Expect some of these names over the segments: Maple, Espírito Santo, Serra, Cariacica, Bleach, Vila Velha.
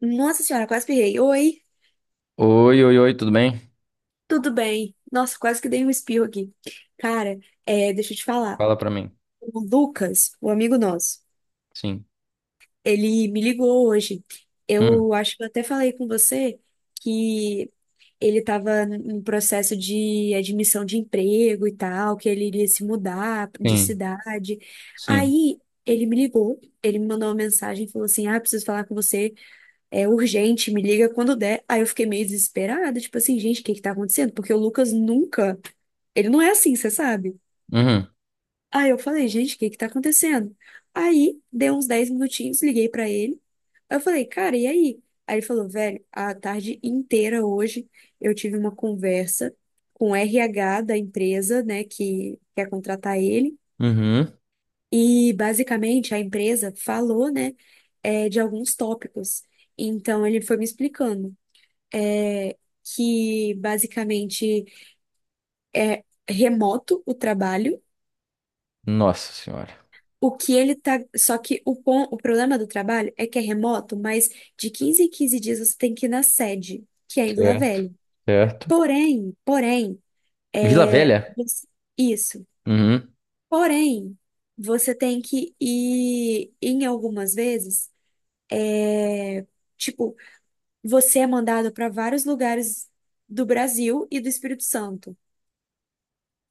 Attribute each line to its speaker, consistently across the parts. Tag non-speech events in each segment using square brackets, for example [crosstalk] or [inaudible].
Speaker 1: Nossa senhora, quase pirrei. Oi,
Speaker 2: Oi, oi, oi, tudo bem?
Speaker 1: tudo bem? Nossa, quase que dei um espirro aqui. Cara, deixa eu te falar.
Speaker 2: Fala pra mim.
Speaker 1: O Lucas, o amigo nosso,
Speaker 2: Sim.
Speaker 1: ele me ligou hoje.
Speaker 2: Hum,
Speaker 1: Eu acho que eu até falei com você que ele estava em processo de admissão de emprego e tal, que ele iria se mudar de
Speaker 2: sim,
Speaker 1: cidade.
Speaker 2: sim.
Speaker 1: Aí ele me ligou, ele me mandou uma mensagem, e falou assim: Ah, preciso falar com você. É urgente, me liga quando der. Aí eu fiquei meio desesperada, tipo assim, gente, o que que tá acontecendo? Porque o Lucas nunca, ele não é assim, você sabe?
Speaker 2: Uhum,
Speaker 1: Aí eu falei, gente, o que que tá acontecendo? Aí deu uns 10 minutinhos, liguei pra ele. Aí eu falei, cara, e aí? Aí ele falou, velho, a tarde inteira hoje eu tive uma conversa com o RH da empresa, né, que quer contratar ele.
Speaker 2: uhum.
Speaker 1: E basicamente a empresa falou, né, de alguns tópicos. Então ele foi me explicando. é, que basicamente é remoto o trabalho.
Speaker 2: Nossa senhora.
Speaker 1: O que ele tá. Só que o problema do trabalho é que é remoto, mas de 15 em 15 dias você tem que ir na sede, que é em Vila
Speaker 2: Certo,
Speaker 1: Velha.
Speaker 2: certo.
Speaker 1: Porém,
Speaker 2: Vila Velha?
Speaker 1: você- isso.
Speaker 2: Uhum.
Speaker 1: Porém, você tem que ir em algumas vezes. é, Tipo, você é mandado para vários lugares do Brasil e do Espírito Santo,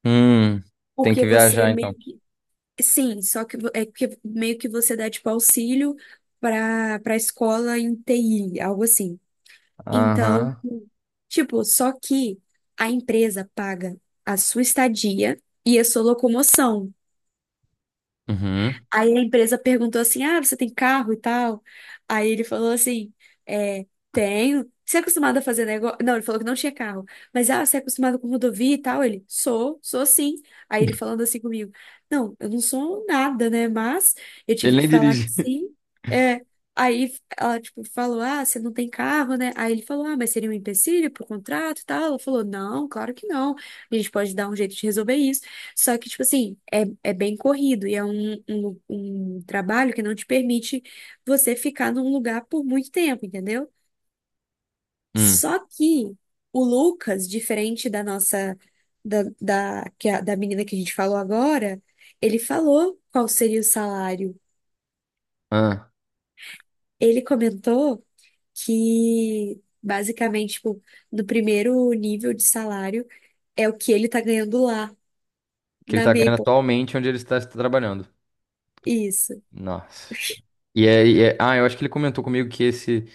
Speaker 2: Hum, Tem
Speaker 1: porque
Speaker 2: que
Speaker 1: você
Speaker 2: viajar então.
Speaker 1: meio que. Sim, só que é que meio que você dá tipo auxílio para escola em TI, algo assim. Então,
Speaker 2: Aham.
Speaker 1: tipo, só que a empresa paga a sua estadia e a sua locomoção.
Speaker 2: Uhum.
Speaker 1: Aí a empresa perguntou assim: Ah, você tem carro e tal? Aí ele falou assim: é, Tenho. Você é acostumado a fazer negócio? Não, ele falou que não tinha carro. Mas, ah, você é acostumado com rodovia e tal? Ele, sou sim. Aí ele falando assim comigo: Não, eu não sou nada, né? Mas eu tive
Speaker 2: Ele
Speaker 1: que
Speaker 2: nem
Speaker 1: falar que
Speaker 2: dirige. [laughs]
Speaker 1: sim. É. Aí ela, tipo, falou: Ah, você não tem carro, né? Aí ele falou: Ah, mas seria um empecilho pro contrato e tal? Ela falou: Não, claro que não. A gente pode dar um jeito de resolver isso. Só que, tipo assim, é bem corrido e é um trabalho que não te permite você ficar num lugar por muito tempo, entendeu?
Speaker 2: Hum.
Speaker 1: Só que o Lucas, diferente da nossa, da menina que a gente falou agora, ele falou qual seria o salário.
Speaker 2: Ah,
Speaker 1: Ele comentou que, basicamente, tipo, no primeiro nível de salário é o que ele tá ganhando lá,
Speaker 2: que ele
Speaker 1: na
Speaker 2: tá ganhando
Speaker 1: Maple.
Speaker 2: atualmente onde ele está, está trabalhando.
Speaker 1: Isso.
Speaker 2: Nossa senhora. Ah, eu acho que ele comentou comigo que esse,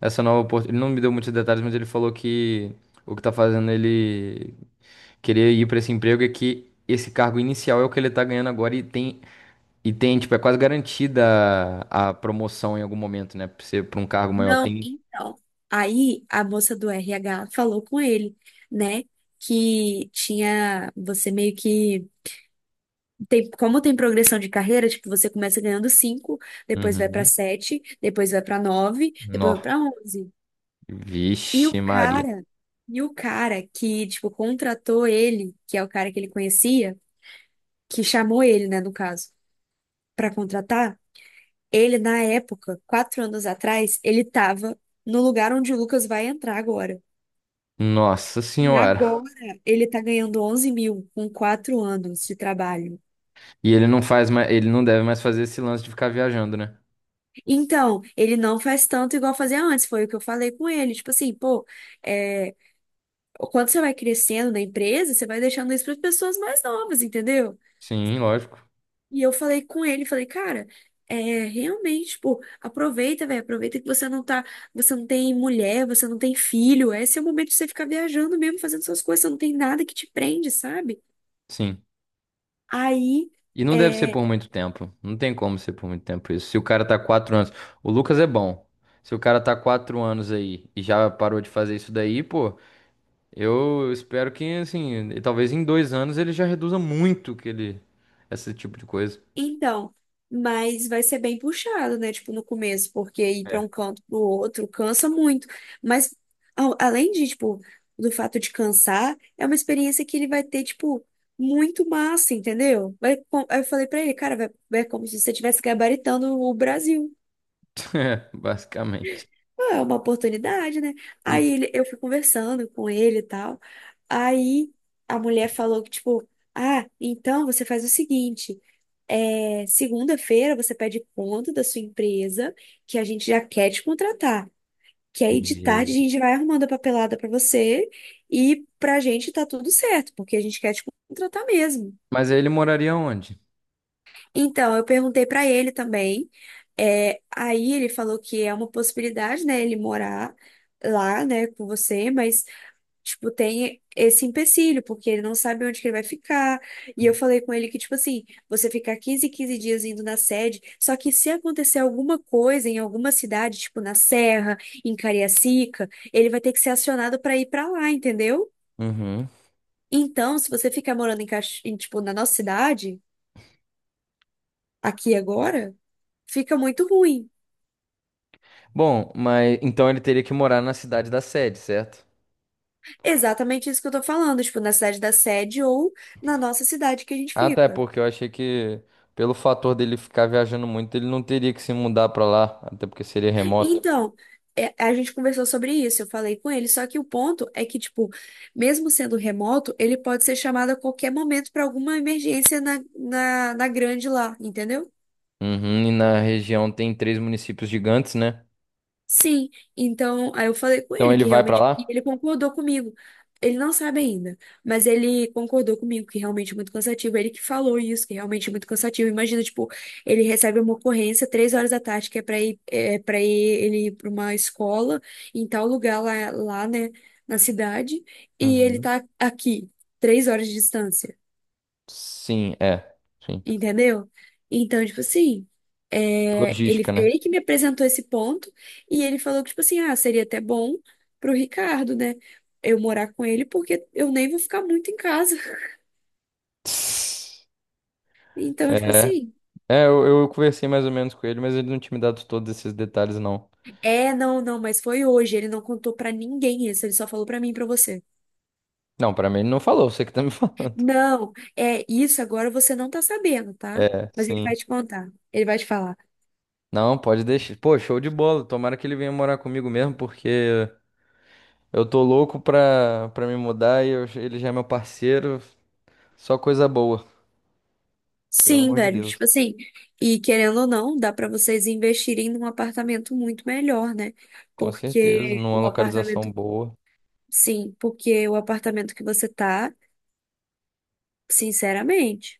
Speaker 2: essa nova oportunidade. Ele não me deu muitos detalhes, mas ele falou que o que tá fazendo ele querer ir para esse emprego é que esse cargo inicial é o que ele tá ganhando agora e tem, tipo, é quase garantida a promoção em algum momento, né? Pra ser para um cargo maior.
Speaker 1: Não,
Speaker 2: Tem.
Speaker 1: então. Aí a moça do RH falou com ele, né? Que tinha você meio que tem, como tem progressão de carreira, tipo, você começa ganhando 5, depois vai pra
Speaker 2: Uhum.
Speaker 1: 7, depois vai pra 9, depois vai
Speaker 2: Nó.
Speaker 1: pra 11. E o
Speaker 2: Vixe, Maria.
Speaker 1: cara, e o cara que, tipo, contratou ele, que é o cara que ele conhecia, que chamou ele, né, no caso, pra contratar, ele na época, 4 anos atrás, ele tava no lugar onde o Lucas vai entrar agora.
Speaker 2: Nossa
Speaker 1: E
Speaker 2: Senhora.
Speaker 1: agora ele tá ganhando 11 mil com 4 anos de trabalho.
Speaker 2: E ele não faz mais, ele não deve mais fazer esse lance de ficar viajando, né?
Speaker 1: Então, ele não faz tanto igual fazia antes, foi o que eu falei com ele. Tipo assim, pô, é, quando você vai crescendo na empresa, você vai deixando isso para pessoas mais novas, entendeu?
Speaker 2: Sim, lógico.
Speaker 1: E eu falei com ele, falei, cara, realmente, pô, aproveita, velho, aproveita que você não tá, você não tem mulher, você não tem filho, esse é o momento de você ficar viajando mesmo, fazendo suas coisas, você não tem nada que te prende, sabe?
Speaker 2: Sim.
Speaker 1: Aí.
Speaker 2: E não deve ser
Speaker 1: é,
Speaker 2: por muito tempo. Não tem como ser por muito tempo isso. Se o cara tá 4 anos. O Lucas é bom. Se o cara tá quatro anos aí e já parou de fazer isso daí, pô. Eu espero que, assim, e talvez em 2 anos ele já reduza muito que ele, esse tipo de coisa.
Speaker 1: Então, mas vai ser bem puxado, né? Tipo, no começo, porque ir para
Speaker 2: É.
Speaker 1: um
Speaker 2: [laughs]
Speaker 1: canto pro outro cansa muito. Mas além de, tipo, do fato de cansar, é uma experiência que ele vai ter, tipo, muito massa, entendeu? Vai, aí eu falei pra ele, cara, vai, é como se você estivesse gabaritando o Brasil.
Speaker 2: É, basicamente.
Speaker 1: Ah, é uma oportunidade, né? Aí
Speaker 2: Hum,
Speaker 1: eu fui conversando com ele e tal. Aí a mulher falou que, tipo, ah, então você faz o seguinte. É, segunda-feira você pede conta da sua empresa, que a gente já quer te contratar. Que aí de tarde a
Speaker 2: Jesus.
Speaker 1: gente vai arrumando a papelada pra você e pra gente tá tudo certo, porque a gente quer te contratar mesmo.
Speaker 2: Mas aí ele moraria onde?
Speaker 1: Então, eu perguntei pra ele também. Aí ele falou que é uma possibilidade, né, ele morar lá, né, com você, mas tipo, tem esse empecilho, porque ele não sabe onde que ele vai ficar. E eu falei com ele que, tipo assim, você ficar 15 dias indo na sede, só que se acontecer alguma coisa em alguma cidade, tipo na Serra, em Cariacica, ele vai ter que ser acionado para ir para lá, entendeu?
Speaker 2: Uhum.
Speaker 1: Então, se você ficar morando em, em, tipo, na nossa cidade, aqui agora, fica muito ruim.
Speaker 2: Bom, mas então ele teria que morar na cidade da sede, certo?
Speaker 1: Exatamente isso que eu tô falando, tipo, na cidade da sede ou na nossa cidade que a gente
Speaker 2: Ah, tá, é
Speaker 1: fica.
Speaker 2: porque eu achei que pelo fator dele ficar viajando muito, ele não teria que se mudar pra lá, até porque seria remoto.
Speaker 1: Então, a gente conversou sobre isso, eu falei com ele, só que o ponto é que, tipo, mesmo sendo remoto, ele pode ser chamado a qualquer momento para alguma emergência na grande lá, entendeu?
Speaker 2: Uhum, e na região tem três municípios gigantes, né?
Speaker 1: Sim, então aí eu falei com
Speaker 2: Então
Speaker 1: ele
Speaker 2: ele
Speaker 1: que
Speaker 2: vai pra
Speaker 1: realmente e
Speaker 2: lá?
Speaker 1: ele concordou comigo. Ele não sabe ainda, mas ele concordou comigo que realmente é muito cansativo. Ele que falou isso, que realmente é muito cansativo. Imagina, tipo, ele recebe uma ocorrência 3 horas da tarde que é para ir ele ir para uma escola em tal lugar lá, né, na cidade, e ele
Speaker 2: Uhum.
Speaker 1: tá aqui 3 horas de distância.
Speaker 2: Sim, é. Sim.
Speaker 1: Entendeu? Então, tipo assim, ele,
Speaker 2: Logística, né?
Speaker 1: ele que me apresentou esse ponto e ele falou que, tipo assim, ah, seria até bom pro Ricardo, né? Eu morar com ele, porque eu nem vou ficar muito em casa. [laughs] Então, tipo
Speaker 2: É,
Speaker 1: assim,
Speaker 2: eu conversei mais ou menos com ele, mas ele não tinha me dado todos esses detalhes, não.
Speaker 1: não, não, mas foi hoje. Ele não contou pra ninguém isso, ele só falou pra mim e pra você.
Speaker 2: Não, pra mim ele não falou, você que tá me [laughs] falando.
Speaker 1: Não, é isso agora você não tá sabendo, tá?
Speaker 2: É,
Speaker 1: Mas ele
Speaker 2: sim.
Speaker 1: vai te contar, ele vai te falar.
Speaker 2: Não, pode deixar. Pô, show de bola. Tomara que ele venha morar comigo mesmo, porque eu tô louco pra me mudar e ele já é meu parceiro. Só coisa boa, pelo
Speaker 1: Sim,
Speaker 2: amor de
Speaker 1: velho,
Speaker 2: Deus.
Speaker 1: tipo assim, e querendo ou não, dá pra vocês investirem num apartamento muito melhor, né?
Speaker 2: Com certeza,
Speaker 1: Porque
Speaker 2: numa
Speaker 1: o
Speaker 2: localização
Speaker 1: apartamento,
Speaker 2: boa.
Speaker 1: sim, porque o apartamento que você tá, sinceramente.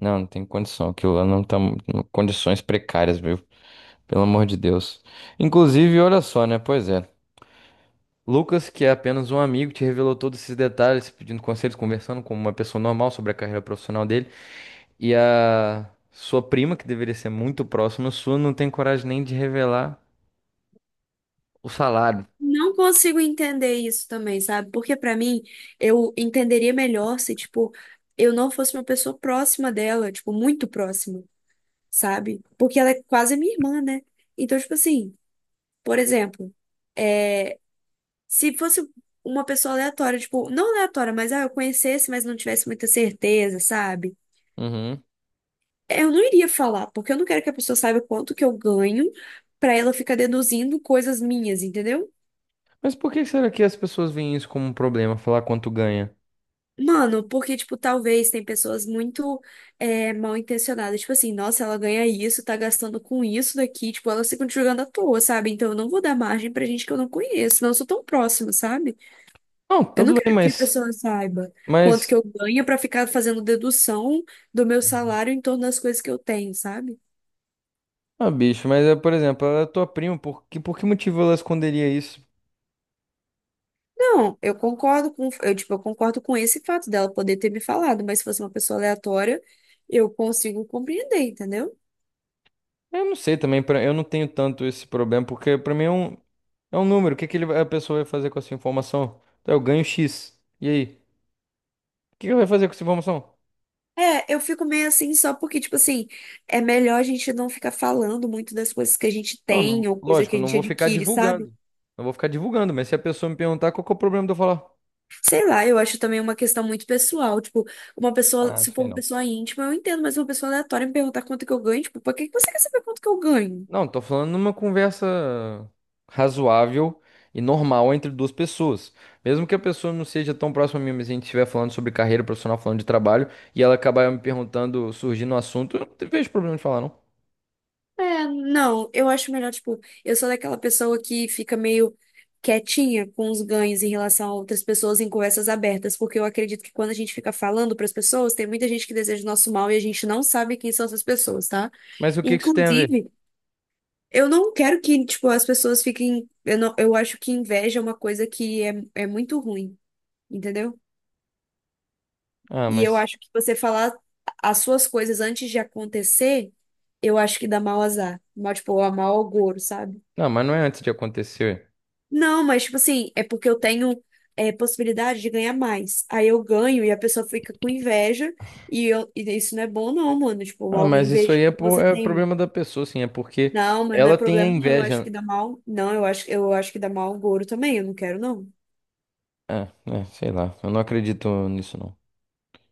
Speaker 2: Não, não tem condição. Aquilo lá não tá em condições precárias, viu? Pelo amor de Deus. Inclusive, olha só, né? Pois é. Lucas, que é apenas um amigo, te revelou todos esses detalhes, pedindo conselhos, conversando como uma pessoa normal sobre a carreira profissional dele. E a sua prima, que deveria ser muito próxima sua, não tem coragem nem de revelar o salário.
Speaker 1: Não consigo entender isso também, sabe? Porque pra mim, eu entenderia melhor se, tipo, eu não fosse uma pessoa próxima dela, tipo, muito próxima, sabe? Porque ela é quase minha irmã, né? Então, tipo assim, por exemplo, se fosse uma pessoa aleatória, tipo, não aleatória, mas ah, eu conhecesse, mas não tivesse muita certeza, sabe?
Speaker 2: Uhum.
Speaker 1: Eu não iria falar, porque eu não quero que a pessoa saiba quanto que eu ganho pra ela ficar deduzindo coisas minhas, entendeu?
Speaker 2: Mas por que será que as pessoas veem isso como um problema, falar quanto ganha?
Speaker 1: Mano, porque, tipo, talvez tem pessoas muito mal intencionadas, tipo assim, nossa, ela ganha isso, tá gastando com isso daqui, tipo, elas ficam te jogando à toa, sabe? Então eu não vou dar margem pra gente que eu não conheço, não sou tão próxima, sabe?
Speaker 2: Não, tá
Speaker 1: Eu não
Speaker 2: tudo bem,
Speaker 1: quero que a
Speaker 2: mas,
Speaker 1: pessoa saiba quanto
Speaker 2: mas,
Speaker 1: que eu ganho pra ficar fazendo dedução do meu salário em torno das coisas que eu tenho, sabe?
Speaker 2: ah, bicho, mas é, por exemplo, ela é tua prima, por que motivo ela esconderia isso?
Speaker 1: Não, eu concordo com, eu, tipo, eu concordo com esse fato dela poder ter me falado, mas se fosse uma pessoa aleatória, eu consigo compreender, entendeu?
Speaker 2: Eu não sei também, eu não tenho tanto esse problema, porque pra mim é um, número. O que que a pessoa vai fazer com essa informação? Então, eu ganho X. E aí? O que que vai fazer com essa informação?
Speaker 1: É, eu fico meio assim só porque, tipo assim, é melhor a gente não ficar falando muito das coisas que a gente
Speaker 2: Não,
Speaker 1: tem ou coisa
Speaker 2: lógico,
Speaker 1: que a
Speaker 2: eu não
Speaker 1: gente
Speaker 2: vou ficar
Speaker 1: adquire, sabe?
Speaker 2: divulgando. Não vou ficar divulgando, mas se a pessoa me perguntar, qual que é o problema de eu falar?
Speaker 1: Sei lá, eu acho também uma questão muito pessoal. Tipo, uma
Speaker 2: Ah,
Speaker 1: pessoa,
Speaker 2: não,
Speaker 1: se
Speaker 2: isso
Speaker 1: for
Speaker 2: aí
Speaker 1: uma
Speaker 2: não.
Speaker 1: pessoa íntima, eu entendo, mas uma pessoa aleatória me perguntar quanto que eu ganho, tipo, por que que você quer saber quanto que eu ganho?
Speaker 2: Não, tô falando numa conversa razoável e normal entre duas pessoas. Mesmo que a pessoa não seja tão próxima a mim, mas a gente estiver falando sobre carreira profissional, falando de trabalho, e ela acabar me perguntando, surgindo um assunto, eu não vejo problema de falar, não.
Speaker 1: É, não, eu acho melhor, tipo, eu sou daquela pessoa que fica meio quietinha com os ganhos em relação a outras pessoas em conversas abertas, porque eu acredito que quando a gente fica falando para as pessoas, tem muita gente que deseja o nosso mal e a gente não sabe quem são essas pessoas, tá?
Speaker 2: Mas o que que isso tem a ver?
Speaker 1: Inclusive, eu não quero que, tipo, as pessoas fiquem. Eu, não, eu acho que inveja é uma coisa que é muito ruim. Entendeu?
Speaker 2: Ah,
Speaker 1: E eu
Speaker 2: mas.
Speaker 1: acho que você falar as suas coisas antes de acontecer, eu acho que dá mau azar. Mal, tipo, a mau agouro, sabe?
Speaker 2: Não, mas não é antes de acontecer.
Speaker 1: Não, mas, tipo assim, é porque eu tenho possibilidade de ganhar mais. Aí eu ganho e a pessoa fica com inveja e isso não é bom, não, mano. Tipo,
Speaker 2: Ah,
Speaker 1: alguém
Speaker 2: mas isso
Speaker 1: inveja
Speaker 2: aí é,
Speaker 1: do que
Speaker 2: por...
Speaker 1: você
Speaker 2: é
Speaker 1: tem, mano.
Speaker 2: problema da pessoa, sim. É porque
Speaker 1: Não, mas não é
Speaker 2: ela tem a
Speaker 1: problema, não. Eu acho
Speaker 2: inveja.
Speaker 1: que dá mal. Não, eu acho que dá mal agouro também. Eu não quero, não.
Speaker 2: Ah, é, sei lá. Eu não acredito nisso, não.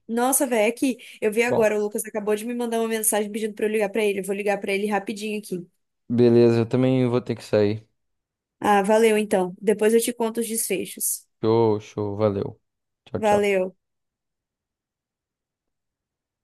Speaker 1: Nossa, velho, é que eu vi
Speaker 2: Bom,
Speaker 1: agora, o Lucas acabou de me mandar uma mensagem pedindo pra eu ligar pra ele. Eu vou ligar pra ele rapidinho aqui.
Speaker 2: beleza. Eu também vou ter que sair.
Speaker 1: Ah, valeu então. Depois eu te conto os desfechos.
Speaker 2: Show, show. Valeu. Tchau, tchau.
Speaker 1: Valeu.